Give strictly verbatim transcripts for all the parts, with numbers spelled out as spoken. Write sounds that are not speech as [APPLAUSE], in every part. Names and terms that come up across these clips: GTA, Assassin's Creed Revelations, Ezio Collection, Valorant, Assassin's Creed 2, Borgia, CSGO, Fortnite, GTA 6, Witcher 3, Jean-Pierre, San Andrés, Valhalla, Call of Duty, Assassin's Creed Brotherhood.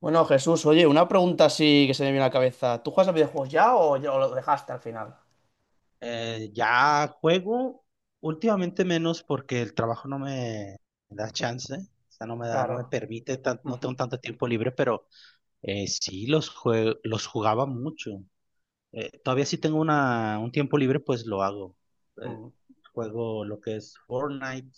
Bueno, Jesús, oye, una pregunta así que se me viene a la cabeza. ¿Tú juegas a videojuegos ya o, ya- o lo dejaste al final? Eh, ya juego últimamente menos porque el trabajo no me da chance, o sea, no me da, no me Claro. permite, tan- no tengo Ujú, tanto tiempo libre, pero eh, sí los jue- los jugaba mucho. Eh, todavía sí tengo una, un tiempo libre, pues lo hago. Eh, ujú, Juego lo que es Fortnite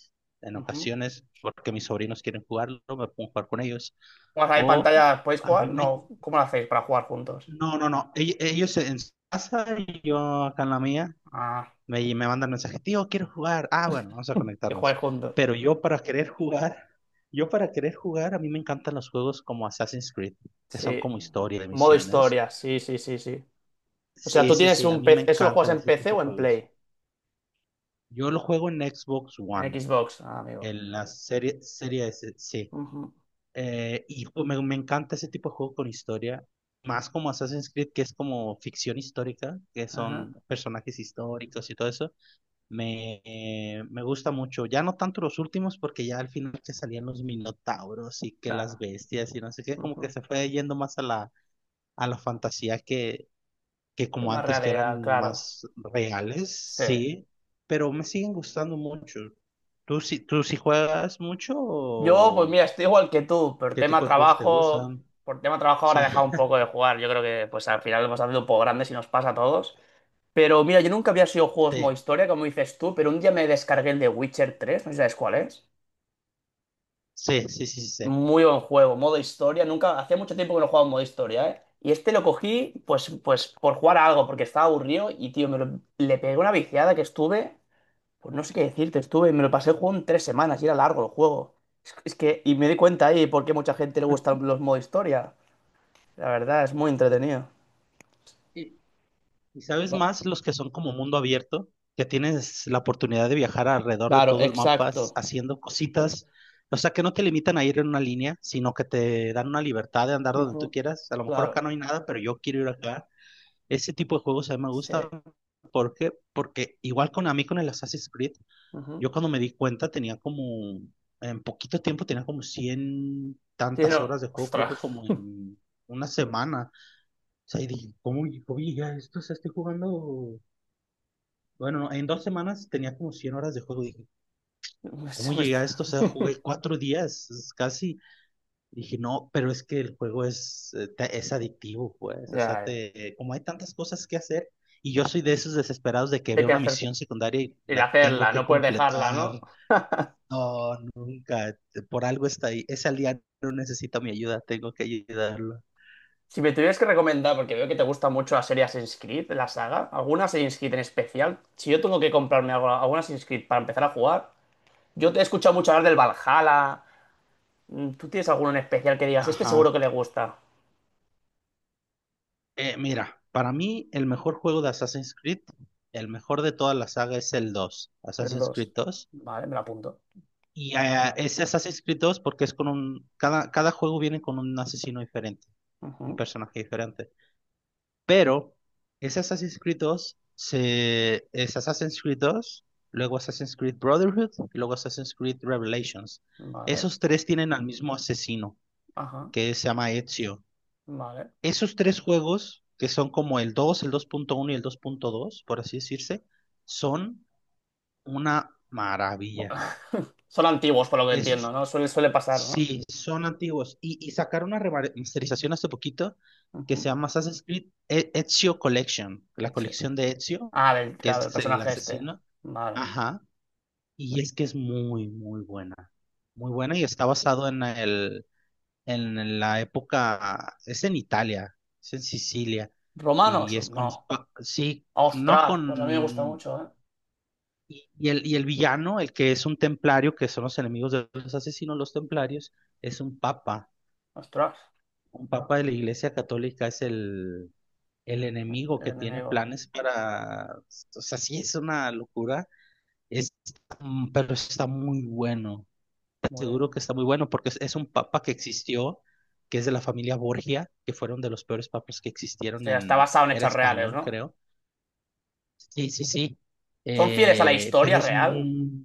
en ujú. ocasiones porque mis sobrinos quieren jugarlo, me pongo a jugar con ellos. ¿Juegas ahí O pantalla? ¿Podéis a mí jugar? me... No, ¿cómo lo hacéis para jugar juntos? No, no, no, ell- ellos en su casa y yo acá en la mía. Ah, Me, me mandan mensajes, tío, quiero jugar. Ah, bueno, vamos a que jugáis conectarnos. juntos. Pero yo para querer jugar, yo para querer jugar, a mí me encantan los juegos como Assassin's Creed, que son Sí. como historia de Modo misiones. historia, sí, sí, sí, sí. O sea, Sí, tú sí, tienes sí, a un mí me P C. ¿Eso lo juegas encantan en ese P C tipo o de en juegos. Play? Yo lo juego en Xbox En One, Xbox, ah, amigo. en la serie, serie S, sí. Ujú, Eh, y pues, me, me encanta ese tipo de juego con historia, más como Assassin's Creed, que es como ficción histórica, que ajá, son personajes históricos y todo eso. Me, eh, me gusta mucho, ya no tanto los últimos, porque ya al final que salían los minotauros y que las claro, bestias y no sé qué, como que ujú. se fue yendo más a la, a la fantasía que, que Qué como más antes que realidad, eran claro. más reales, Sí. sí, pero me siguen gustando mucho. ¿Tú sí, tú sí juegas mucho Yo, pues o mira, estoy igual que tú, por qué tema tipo de juegos te trabajo, gustan? por tema trabajo Sí, ahora he dejado un poco de jugar. Yo creo que pues al final hemos haciendo un poco grandes y nos pasa a todos. Pero mira, yo nunca había sido juegos modo historia, como dices tú, pero un día me descargué el de Witcher tres, no sé si sabes cuál es. sí, sí, sí, sí, sí. Sí. Muy buen juego, modo historia. Nunca, hacía mucho tiempo que no jugaba en modo historia, ¿eh? Y este lo cogí, pues, pues, por jugar a algo, porque estaba aburrido y, tío, me lo- le pegué una viciada que estuve. Pues no sé qué decirte, estuve, me lo pasé el juego en tres semanas y era largo el juego. Es, es que, y me di cuenta ahí por qué mucha gente le gustan [LAUGHS] los modo historia. La verdad, es muy entretenido. Y, Y sabes Ya. más, los que son como mundo abierto, que tienes la oportunidad de viajar alrededor de Claro, todo el mapa s- exacto. haciendo cositas, o sea, que no te limitan a ir en una línea, sino que te dan una libertad de andar donde tú Ujú, quieras. A lo mejor acá claro, no hay nada, pero yo quiero ir acá. Ese tipo de juegos a mí me gustan. sí. ¿Por qué? Porque igual con a mí con el Assassin's Creed, Ujú. yo cuando me di cuenta tenía como, en poquito tiempo tenía como cien Sí, tantas horas no, de juego, creo que ostras. como en una semana. O sea, y dije, ¿cómo, cómo llegué a esto? O sea, estoy jugando bueno, no, en dos semanas tenía como cien horas de juego. Dije, [LAUGHS] Se ¿cómo me llegué está- a esto? O sea, [LAUGHS] jugué cuatro días, es casi. Dije, no, pero es que el juego es, eh, te- es adictivo, pues. O sea, Ya, ya. te, como hay tantas cosas que hacer, y yo soy de esos desesperados de que De veo que una hacer. misión secundaria y Y de la tengo hacerla, que no puedes dejarla, ¿no? completar. No, nunca. Por algo está ahí. Ese aliado necesita mi ayuda, tengo que ayudarlo. Si me tuvieras que recomendar, porque veo que te gusta mucho la serie Assassin's Creed, la saga, ¿alguna Assassin's Creed en especial? Si yo tengo que comprarme algo, alguna Assassin's Creed para empezar a jugar, yo te he escuchado mucho hablar del Valhalla. Mm, ¿tú tienes alguno en especial que digas, este seguro que Ajá. le gusta? Eh, mira, para mí el mejor juego de Assassin's Creed, el mejor de toda la saga es el dos, El Assassin's dos. Creed dos. Vale, me lo apunto. Y eh, es Assassin's Creed dos porque es con un. Cada, cada juego viene con un asesino diferente, un Ujú, personaje diferente. Pero es Assassin's Creed dos, se, es Assassin's Creed dos, luego Assassin's Creed Brotherhood y luego Assassin's Creed Revelations. vale, Esos tres tienen al mismo asesino, ajá, que se llama Ezio. vale. Esos tres juegos, que son como el dos el dos punto uno y el dos punto dos por así decirse, son una maravilla. [LAUGHS] Son antiguos, por lo que entiendo, Esos ¿no? Suele, suele pasar, ¿no? Sí, son antiguos. Y, y sacaron una remasterización hace poquito que se Ujú, llama Assassin's Creed E- Ezio Collection, la eche. colección de Ezio, Ah, del, que claro, del es el personaje este. asesino. Vale. Ajá. Y es que es muy, muy buena. Muy buena y está basado en el, en la época, es en Italia, es en Sicilia. ¿Romanos? Y es con No. los, pa- sí, no ¡Ostras! Pues a mí me gusta con... mucho, ¿eh? Y y el, y el villano, el que es un templario, que son los enemigos de los asesinos, los templarios, es un papa. ¡Ostras! Un papa de la Iglesia Católica es el, el enemigo El que tiene enemigo. planes para... O sea, sí es una locura, es, mm, pero está muy bueno. Te Muy aseguro que bien. está muy bueno porque es, es un papa que existió, que es de la familia Borgia, que fueron de los peores papas que O existieron sea, está en... basado en Era hechos reales, español, ¿no? creo. Sí, sí, sí. ¿Son fieles a la Eh, historia Pero es real? muy,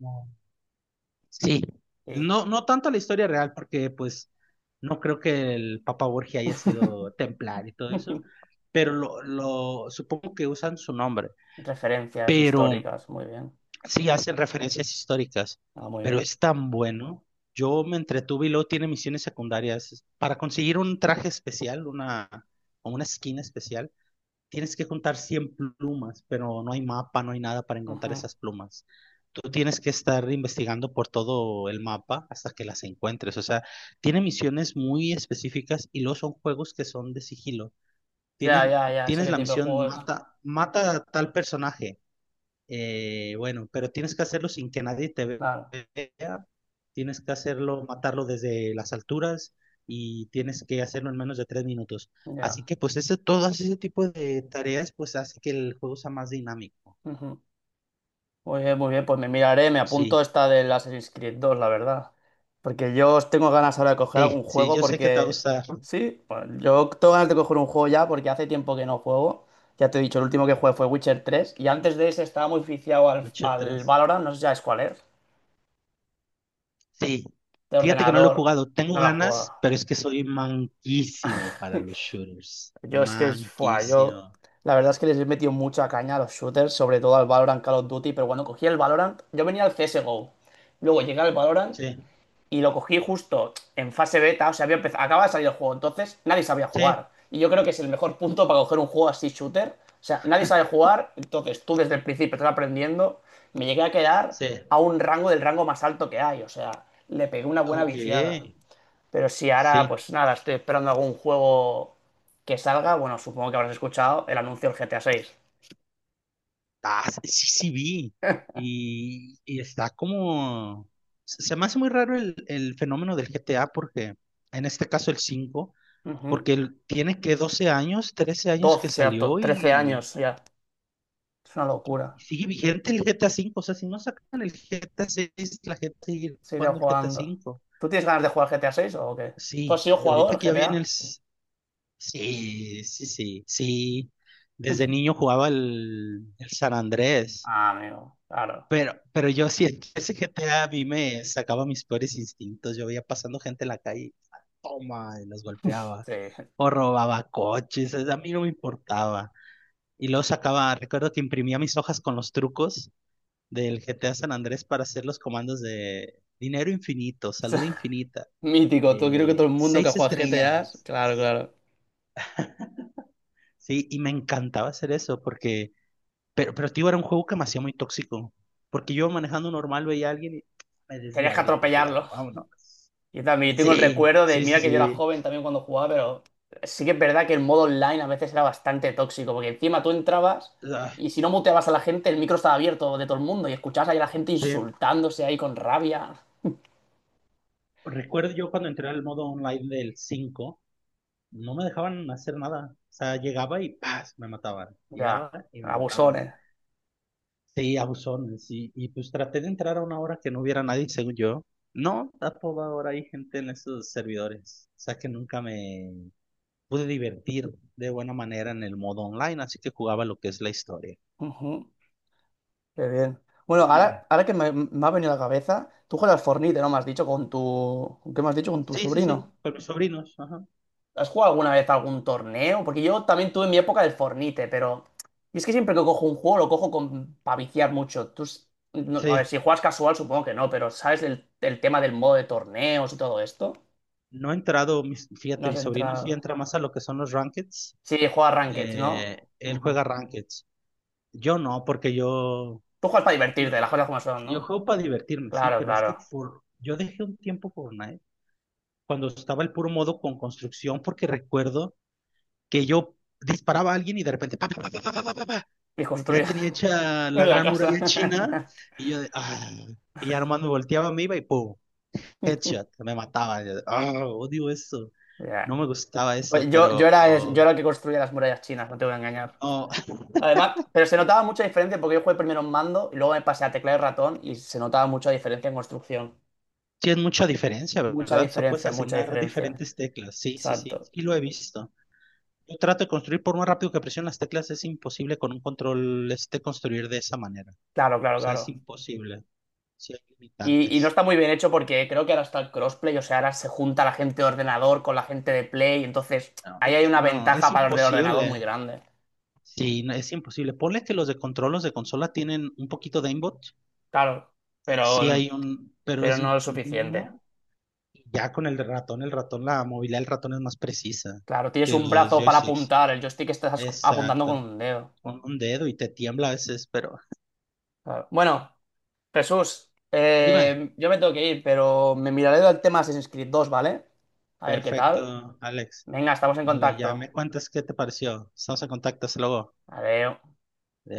sí, Sí. no, no tanto la historia real, porque pues no creo que el Papa Borgia haya sido [LAUGHS] templar y todo eso, pero lo, lo supongo que usan su nombre, Referencias pero históricas, muy bien. sí hacen referencias históricas, Ah, muy pero bien. es tan bueno. Yo me entretuve y luego tiene misiones secundarias para conseguir un traje especial, una, o una skin especial tienes que juntar cien plumas, pero no hay mapa, no hay nada para encontrar Ujú. esas plumas. Tú tienes que estar investigando por todo el mapa hasta que las encuentres. O sea, tiene misiones muy específicas y luego son juegos que son de sigilo. Ya, Tienes, ya, ya, sé tienes qué la tipo de misión, juego es. mata, mata a tal personaje eh, bueno, pero tienes que hacerlo sin que nadie te Claro, vea. Tienes que hacerlo, matarlo desde las alturas y tienes que hacerlo en menos de tres minutos. ya. Así que pues ese, todo ese tipo de tareas pues hace que el juego sea más dinámico. Ujú. Muy bien, muy bien, pues me miraré, me apunto Sí, esta del Assassin's Creed dos, la verdad. Porque yo os tengo ganas ahora de coger algún sí, sí, juego yo sé que te va a porque... gustar Sí, bueno, yo tengo ganas de coger un juego ya porque hace tiempo que no juego. Ya te he dicho, el último que jugué fue Witcher tres y antes de ese estaba muy viciado [LAUGHS] al, mucho al atrás. Valorant, no sé si sabes cuál es, Sí, de fíjate que no lo he ordenador. jugado. Tengo No la jugado. ganas, pero es que soy manquísimo para los shooters. [LAUGHS] Yo es que, fua, yo Manquísimo. la verdad es que les he metido mucha caña a los shooters, sobre todo al Valorant, Call of Duty, pero cuando cogí el Valorant, yo venía al C S G O, luego llegué al Valorant Sí, y lo cogí justo en fase beta, o sea, había empez- acaba de salir el juego, entonces nadie sabía sí, jugar. Y yo creo que es el mejor punto para coger un juego así shooter, o sea, nadie sabe jugar, entonces tú desde el principio estás aprendiendo, me llegué a quedar sí. a un rango del rango más alto que hay, o sea, le pegué una buena Ok, viciada. Pero sí, ahora, sí. pues nada, estoy esperando algún juego que salga. Bueno, supongo que habrás escuchado el anuncio del G T A seis. Ah, sí, sí sí vi. Y, y está como... Se se me hace muy raro el, el fenómeno del G T A porque, en este caso el cinco porque el- tiene que doce años, trece años que doce, ya to- salió trece y, años ya. Es una locura. y sigue vigente el G T A cinco. O sea, si no sacan el G T A seis la gente sigue Seguiré jugando el G T A jugando. cinco. ¿Tú tienes ganas de jugar G T A seis o qué? ¿Tú has Sí, sido y ahorita jugador que ya viene el... G T A? s- Sí, sí, sí, sí. Desde [LAUGHS] niño jugaba el, el San Andrés. Ah, amigo, claro. Pero, pero yo siento, ese GTA a a mí me sacaba mis peores instintos. Yo veía pasando gente en la calle, ¡ah, toma, y los golpeaba. Sí. O robaba coches, es- a mí no me importaba. Y luego sacaba, recuerdo que imprimía mis hojas con los trucos del G T A San Andrés para hacer los comandos de dinero infinito, salud [LAUGHS] infinita, Mítico, tú creo que todo eh, el mundo que seis juega G T A, estrellas. claro, claro. Sí, y me encantaba hacer eso porque. Pero, pero, tío, era un juego que me hacía muy tóxico. Porque yo manejando normal veía a alguien y me Tenías que desviaba y lo atropellaba. atropellarlo. Vámonos. Yo también tengo el Sí, recuerdo de, sí, sí, mira que yo era sí. joven también cuando jugaba, pero sí que es verdad que el modo online a veces era bastante tóxico, porque encima tú entrabas Ah, y si no muteabas a la gente, el micro estaba abierto de todo el mundo y escuchabas ahí a la gente sí. insultándose ahí con rabia. Recuerdo yo cuando entré al modo online del cinco no me dejaban hacer nada. O sea, llegaba y ¡paz! Me mataban. Ya, Llegaba y me mataban. abusones. Sí, abusones. Y, y pues traté de entrar a una hora que no hubiera nadie, según yo. No, a toda hora hay gente en esos servidores. O sea que nunca me pude divertir de buena manera en el modo online, así que jugaba lo que es la historia. Ujú, qué bien. Bueno, Y- ahora, ahora que me, me ha venido a la cabeza, tú juegas al Fortnite, ¿no? Me has dicho con tu... ¿Qué me has dicho? Con tu Sí, sí, sobrino. sí, con mis sobrinos. Ajá. ¿Has jugado alguna vez algún torneo? Porque yo también tuve mi época del Fornite, pero. Y es que siempre que cojo un juego lo cojo con... para viciar mucho. Tú... s- no, a Sí, ver, si juegas casual supongo que no, pero ¿sabes el, el tema del modo de torneos y todo esto? no he entrado, mis- No fíjate, has mis sobrinos sí entrado. entra más a lo que son los rankeds. Sí, juegas Ranked, ¿no? Eh, él Ujú. juega rankeds. Yo no, porque yo, Tú juegas para divertirte, las cosas como son, yo ¿no? juego para divertirme, sí, Claro, pero es que claro. for- yo dejé un tiempo Fortnite cuando estaba el puro modo con construcción, porque recuerdo que yo disparaba a alguien y de repente, Y ya construir tenía hecha [LAUGHS] la en la gran casa. muralla china [LAUGHS] y yo de, ah, y ya nomás me volteaba, me iba y ¡pum! Headshot, me mataba. Yo de, ah, odio eso, Ya. no me gustaba eso, Pues yo, yo pero era, el- yo era el que construía las murallas chinas, no te voy a engañar. no, [LAUGHS] Además, pero se notaba mucha diferencia porque yo jugué primero en mando y luego me pasé a teclado y ratón y se notaba mucha diferencia en construcción. tiene mucha diferencia, Mucha ¿verdad? O sea, puedes diferencia, mucha asignar diferencia. diferentes teclas, sí, sí, sí, Exacto. y lo he visto. Yo trato de construir por más rápido que presione las teclas, es imposible con un control este construir de esa manera. Claro, O claro, sea, es claro. imposible. Sí, hay Y, y no limitantes. está muy bien hecho porque creo que ahora está el crossplay, o sea, ahora se junta la gente de ordenador con la gente de Play, entonces No, y- ahí hay eh, una no, es ventaja para los de ordenador muy imposible. grande. Sí, no, es imposible. Ponle que los de control, los de consola tienen un poquito de aimbot. Claro, Sí pero, hay un, pero pero es no es suficiente. mínimo. Y Ya con el ratón, el ratón, la movilidad del ratón es más precisa Claro, tienes que un los brazo para joysticks. apuntar, el joystick estás apuntando con Exacto. un dedo. Un, un dedo y te tiembla a veces, pero Claro. Bueno. Jesús, dime. eh, yo me tengo que ir, pero me miraré el tema Assassin's Creed dos, ¿vale? A ver qué tal. Perfecto, Alex. Venga, estamos en Muy bien, ya contacto. me cuentas qué te pareció. Estamos en contacto, hasta luego. Adiós.